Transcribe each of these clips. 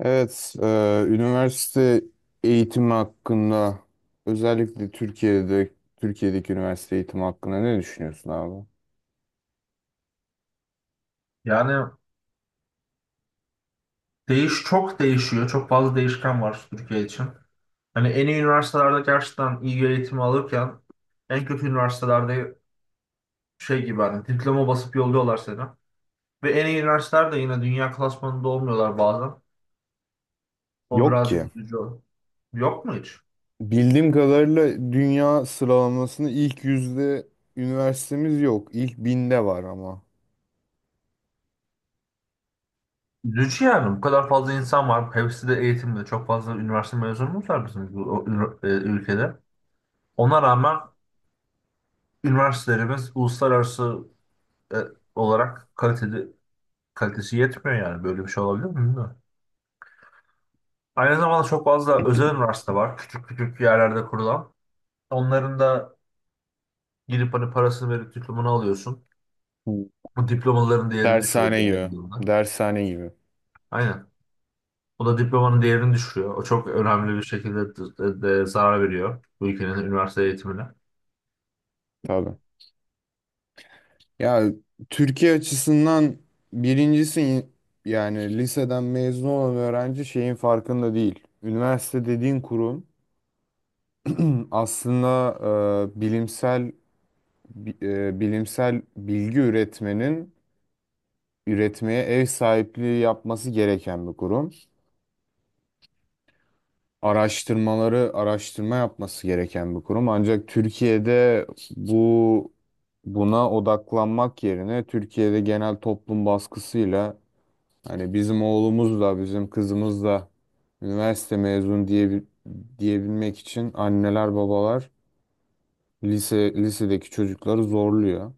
Evet, üniversite eğitimi hakkında özellikle Türkiye'deki üniversite eğitimi hakkında ne düşünüyorsun abi? Yani çok değişiyor. Çok fazla değişken var Türkiye için. Hani en iyi üniversitelerde gerçekten iyi bir eğitimi alırken en kötü üniversitelerde şey gibi hani diploma basıp yolluyorlar seni. Ve en iyi üniversiteler de yine dünya klasmanında olmuyorlar bazen. O Yok ki. birazcık üzücü. Yok mu hiç? Bildiğim kadarıyla dünya sıralamasında ilk yüzde üniversitemiz yok. İlk binde var ama. Üzücü yani. Bu kadar fazla insan var. Hepsi de eğitimde. Çok fazla üniversite mezunumuz var bizim bu ülkede. Ona rağmen üniversitelerimiz uluslararası e, olarak kalitesi yetmiyor yani. Böyle bir şey olabilir mi bilmiyorum. Aynı zamanda çok fazla özel üniversite var. Küçük küçük yerlerde kurulan. Onların da gidip hani parasını verip diplomanı alıyorsun. Hı. Bu diplomaların değerini düşürüyor Dershane diğer gibi. yandan. Dershane gibi. Aynen. O da diplomanın değerini düşürüyor. O çok önemli bir şekilde de, de zarar veriyor bu ülkenin üniversite eğitimine. Tabii. Ya, Türkiye açısından birincisi, yani liseden mezun olan öğrenci şeyin farkında değil. Üniversite dediğin kurum aslında e, bilimsel bilimsel bilgi üretmeye ev sahipliği yapması gereken bir kurum. Araştırma yapması gereken bir kurum. Ancak Türkiye'de bu buna odaklanmak yerine Türkiye'de genel toplum baskısıyla hani bizim oğlumuz da bizim kızımız da üniversite mezun diyebilmek için anneler babalar lisedeki çocukları zorluyor.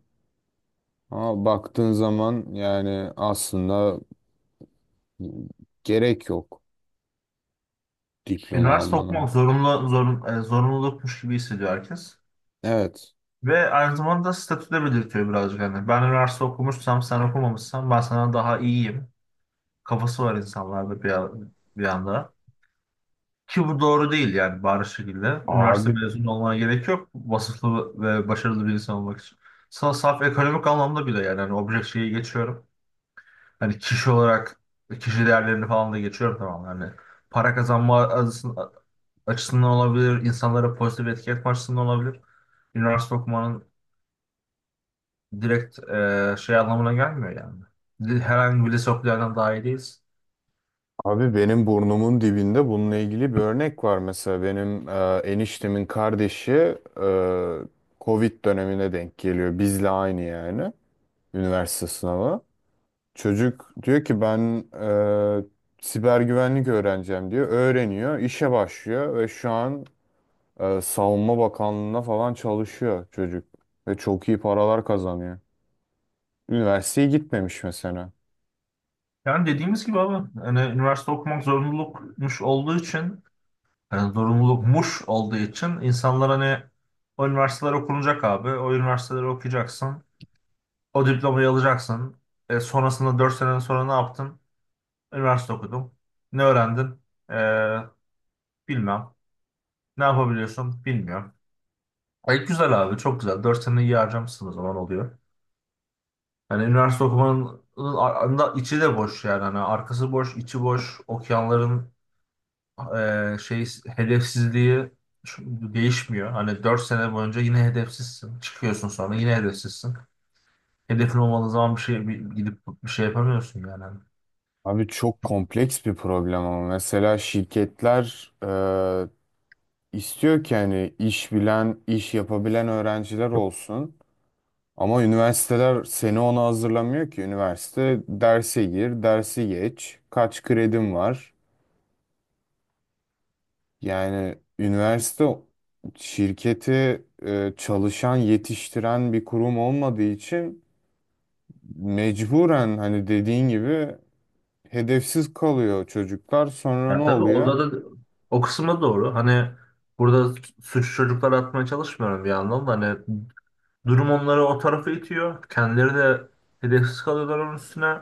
Ama baktığın zaman, yani aslında gerek yok diploma Üniversite almana. okumak zorunlulukmuş gibi hissediyor herkes. Evet. Ve aynı zamanda statüde belirtiyor birazcık. Yani ben üniversite okumuşsam sen okumamışsan ben sana daha iyiyim. Kafası var insanlarda bir anda. Ki bu doğru değil yani bariz şekilde. Üniversite Abi mezunu olmana gerek yok. Vasıflı ve başarılı bir insan olmak için. Saf ekonomik anlamda bile yani. Hani objek şeyi geçiyorum. Hani kişi olarak kişi değerlerini falan da geçiyorum tamam. Yani para kazanma açısından olabilir, insanlara pozitif etki etme açısından olabilir. Üniversite okumanın direkt anlamına gelmiyor yani. Herhangi bir lise okuyandan daha iyi değiliz. abi benim burnumun dibinde bununla ilgili bir örnek var. Mesela benim eniştemin kardeşi, e, Covid dönemine denk geliyor. Bizle aynı, yani üniversite sınavı. Çocuk diyor ki ben e, siber güvenlik öğreneceğim diyor. Öğreniyor, işe başlıyor ve şu an Savunma Bakanlığı'na falan çalışıyor çocuk. Ve çok iyi paralar kazanıyor. Üniversiteye gitmemiş mesela. Yani dediğimiz gibi abi, hani üniversite okumak zorunlulukmuş olduğu için, hani zorunlulukmuş olduğu için insanlar hani o üniversiteler okunacak abi, o üniversiteleri okuyacaksın, o diplomayı alacaksın. Sonrasında 4 sene sonra ne yaptın? Üniversite okudum. Ne öğrendin? E, bilmem. Ne yapabiliyorsun? Bilmiyorum. Ay güzel abi çok güzel. 4 sene iyi harcamışsın o zaman oluyor. Hani üniversite okumanın ar- anda içi de boş yani. Hani arkası boş, içi boş. Okuyanların e, şey hedefsizliği değişmiyor. Hani 4 sene boyunca yine hedefsizsin. Çıkıyorsun sonra yine hedefsizsin. Hedefin olmadığı zaman gidip bir şey yapamıyorsun yani. Abi, çok kompleks bir problem. Ama mesela şirketler istiyor ki hani iş bilen, iş yapabilen öğrenciler olsun. Ama üniversiteler seni ona hazırlamıyor ki. Üniversite derse gir, dersi geç, kaç kredim var. Yani üniversite şirketi çalışan, yetiştiren bir kurum olmadığı için, mecburen hani dediğin gibi hedefsiz kalıyor çocuklar. Sonra ne Ya tabii oluyor? orada da o kısma doğru. Hani burada suçu çocuklara atmaya çalışmıyorum bir yandan da hani durum onları o tarafa itiyor. Kendileri de hedefsiz kalıyorlar onun üstüne. Yani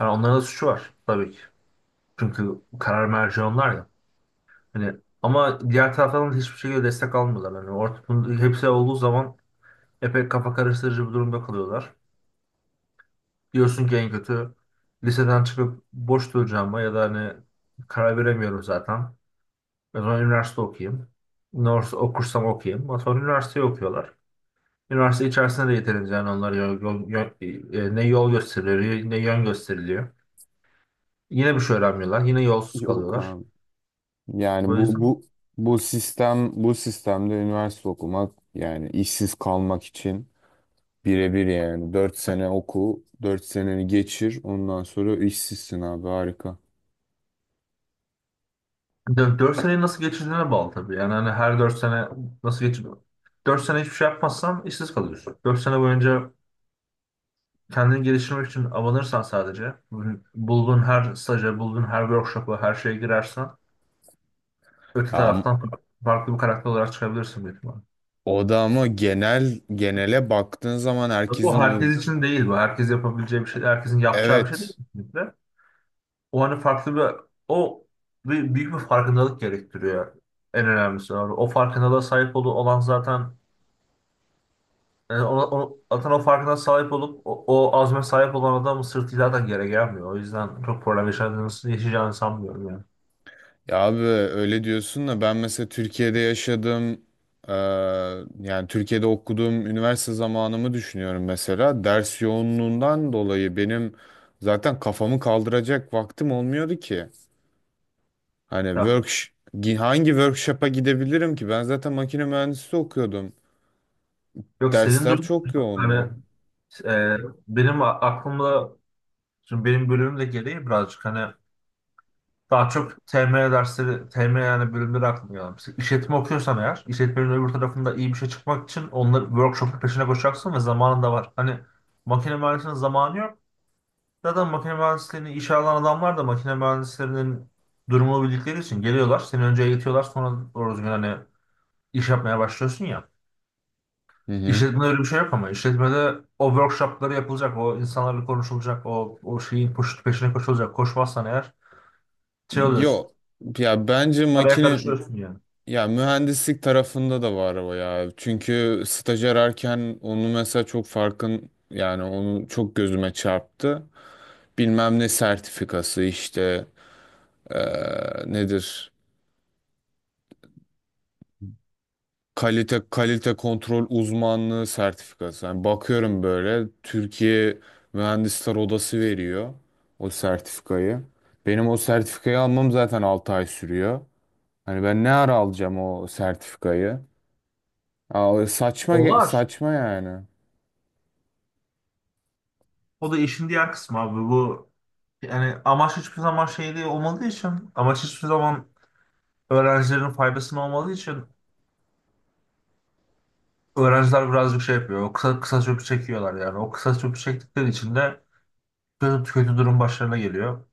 onların da suçu var tabii ki. Çünkü karar merci onlar ya. Hani ama diğer taraftan da hiçbir şekilde destek almıyorlar. Yani ortada hepsi olduğu zaman epey kafa karıştırıcı bir durumda kalıyorlar. Diyorsun ki en kötü liseden çıkıp boş duracağıma ya da hani karar veremiyorum zaten. O zaman üniversite okuyayım. Üniversite okursam okuyayım. Ama sonra üniversiteyi okuyorlar. Üniversite içerisinde de yeterince yani onlara ne yol gösteriliyor ne yön gösteriliyor. Yine bir şey öğrenmiyorlar. Yine yolsuz Yok kalıyorlar. abi. Yani O yüzden bu sistemde üniversite okumak, yani işsiz kalmak için birebir. Yani 4 sene oku, 4 seneni geçir, ondan sonra işsizsin abi, harika. 4 seneyi nasıl geçirdiğine bağlı tabii. Yani hani her 4 sene nasıl geçir 4 sene hiçbir şey yapmazsan işsiz kalıyorsun. 4 sene boyunca kendini geliştirmek için abanırsan sadece bulduğun her staja, bulduğun her workshop'a, her şeye girersen öte Ya, taraftan farklı bir karakter olarak çıkabilirsin büyük ihtimalle. o da ama genel genele baktığın zaman Bu herkesin uy- herkes için değil bu. Herkes yapabileceği bir şey, herkesin yapacağı bir şey değil evet kesinlikle. O hani farklı bir o bir büyük bir farkındalık gerektiriyor. En önemlisi abi. O farkındalığa sahip olan zaten yani zaten o farkına sahip olup o, o azme sahip olan adamın sırtı zaten yere gelmiyor. O yüzden çok problem yaşayacağını sanmıyorum yani. Ya abi, öyle diyorsun da ben mesela Türkiye'de yaşadım. Ee, Yani Türkiye'de okuduğum üniversite zamanımı düşünüyorum. Mesela ders yoğunluğundan dolayı benim zaten kafamı kaldıracak vaktim olmuyordu ki. Hani Ya, hangi workshop'a gidebilirim ki? Ben zaten makine mühendisi okuyordum. yok senin Dersler durum çok yoğundu. hani e, benim aklımda şimdi benim bölümüm de gereği birazcık hani daha çok TM dersleri, TM yani bölümleri aklıma gelen. Mesela işletme okuyorsan eğer, işletmenin öbür tarafında iyi bir şey çıkmak için onları workshop'un peşine koşacaksın ve zamanın da var. Hani makine mühendisliğinin zamanı yok. Zaten makine mühendisliğini işe alan adamlar da makine mühendislerinin durumunu bildikleri için geliyorlar. Seni önce eğitiyorlar sonra doğru düzgün hani iş yapmaya başlıyorsun ya. Hı hı. İşletmede öyle bir şey yok ama işletmede o workshopları yapılacak, o insanlarla konuşulacak, o, o şeyin peşine koşulacak. Koşmazsan eğer şey oluyorsun, Yok. Ya bence araya makine karışıyorsun yani. Ya, mühendislik tarafında da var o ya. Çünkü staj ararken onu mesela çok farkın, yani onu çok gözüme çarptı. Bilmem ne sertifikası işte, nedir? Kalite kontrol uzmanlığı sertifikası. Yani bakıyorum böyle Türkiye Mühendisler Odası veriyor o sertifikayı. Benim o sertifikayı almam zaten 6 ay sürüyor. Hani ben ne ara alacağım o sertifikayı? Aa, O var. saçma yani. O da işin diğer kısmı abi. Bu yani amaç hiçbir zaman şey değil olmadığı için, amaç hiçbir zaman öğrencilerin faydasına olmadığı için öğrenciler birazcık şey yapıyor. O kısa kısa çöpü çekiyorlar yani. O kısa çöpü çektikleri için de kötü, kötü durum başlarına geliyor.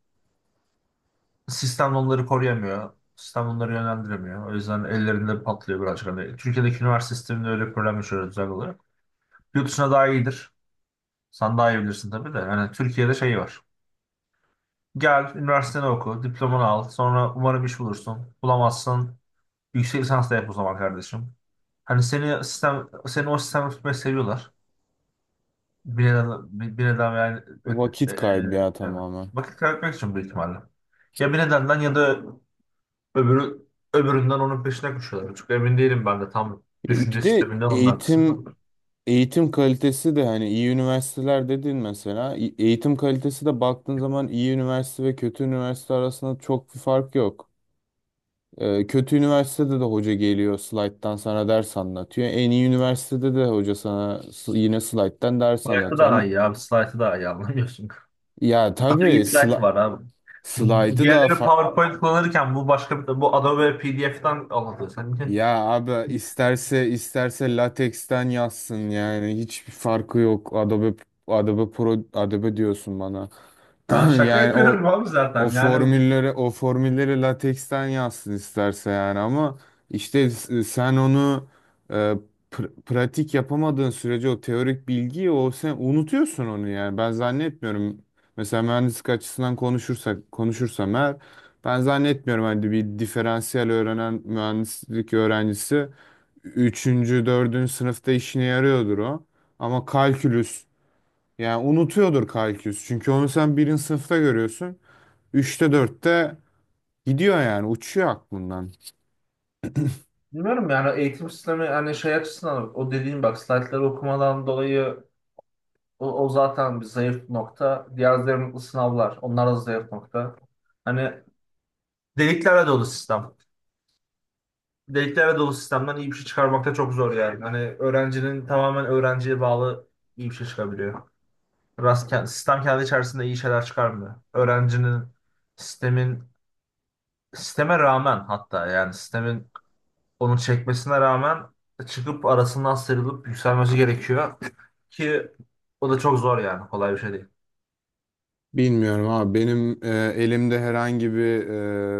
Sistem onları koruyamıyor. Sistem onları yönlendiremiyor. O yüzden ellerinde patlıyor birazcık. Hani Türkiye'deki üniversite sisteminde öyle bir problem yaşıyoruz özel olarak. Yurt dışına daha iyidir. Sen daha iyi bilirsin tabii de. Yani Türkiye'de şey var. Gel, üniversiteni oku, diplomanı al. Sonra umarım iş bulursun. Bulamazsın. Yüksek lisans da yap o zaman kardeşim. Hani seni sistem, seni o sistemde tutmayı seviyorlar. Bir neden, bir, bir neden yani, ö- e, Vakit e, kaybı ya, yani tamamen. vakit kaybetmek için büyük ihtimalle. Ya bir nedenden ya da öbürü, öbüründen onun peşine koşuyorlar. Çok emin değilim ben de tam Bir düşünce de sisteminden onun arkasında. eğitim kalitesi de. Hani iyi üniversiteler dedin mesela, eğitim kalitesi de baktığın zaman iyi üniversite ve kötü üniversite arasında çok bir fark yok. Kötü üniversitede de hoca geliyor, slayttan sana ders anlatıyor. En iyi üniversitede de hoca sana yine slayttan ders Hayatta anlatıyor. daha Yani, iyi abi. Slide'ı daha iyi anlamıyorsun. ya Bir tabii, slide var abi. Bu slaytı daha diğerleri fa- PowerPoint kullanırken bu başka bir bu Adobe PDF'den alındı sanki. Ya abi, isterse lateksten yazsın, yani hiçbir farkı yok. Adobe, Adobe Pro, Adobe diyorsun bana. Ben şaka Yani yapıyorum o abi o zaten. Yani formülleri lateksten yazsın isterse, yani ama işte, sen onu, e, pratik yapamadığın sürece o teorik bilgiyi, o, sen unutuyorsun onu yani. Ben zannetmiyorum. Mesela mühendislik açısından konuşursam eğer, ben zannetmiyorum hani bir diferansiyel öğrenen mühendislik öğrencisi üçüncü dördüncü sınıfta işine yarıyordur o. Ama kalkülüs, yani unutuyordur kalkülüs. Çünkü onu sen 1. sınıfta görüyorsun. Üçte dörtte gidiyor yani, uçuyor aklından. bilmiyorum yani eğitim sistemi hani şey açısından o dediğim bak slaytları okumadan dolayı o, o zaten bir zayıf nokta. Diğer zayıf sınavlar onlar da zayıf nokta. Hani deliklerle dolu sistem. Deliklerle dolu sistemden iyi bir şey çıkarmak da çok zor yani. Hani öğrencinin tamamen öğrenciye bağlı iyi bir şey çıkabiliyor. Sistem kendi içerisinde iyi şeyler çıkarmıyor. Öğrencinin sistemin sisteme rağmen hatta yani sistemin onu çekmesine rağmen çıkıp arasından sıyrılıp yükselmesi gerekiyor ki o da çok zor yani kolay bir şey değil. Bilmiyorum abi, benim elimde herhangi bir,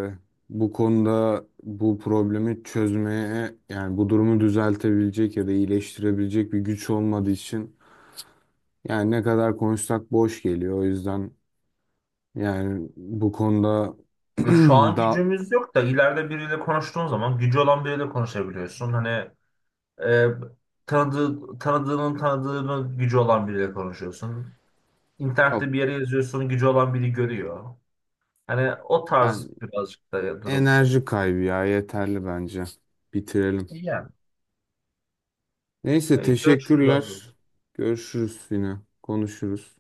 e, bu konuda bu problemi çözmeye, yani bu durumu düzeltebilecek ya da iyileştirebilecek bir güç olmadığı için, yani ne kadar konuşsak boş geliyor. O yüzden yani bu konuda, Ya şu an da gücümüz yok da ileride biriyle konuştuğun zaman gücü olan biriyle konuşabiliyorsun. Hani e, tanıdığının tanıdığının gücü olan biriyle konuşuyorsun. İnternette yok. bir yere yazıyorsun gücü olan biri görüyor. Hani o Ben, tarz birazcık da durum. enerji kaybı ya, yeterli bence. Bitirelim. İyi yani. Neyse, E, görüşürüz abi. teşekkürler. Görüşürüz yine. Konuşuruz.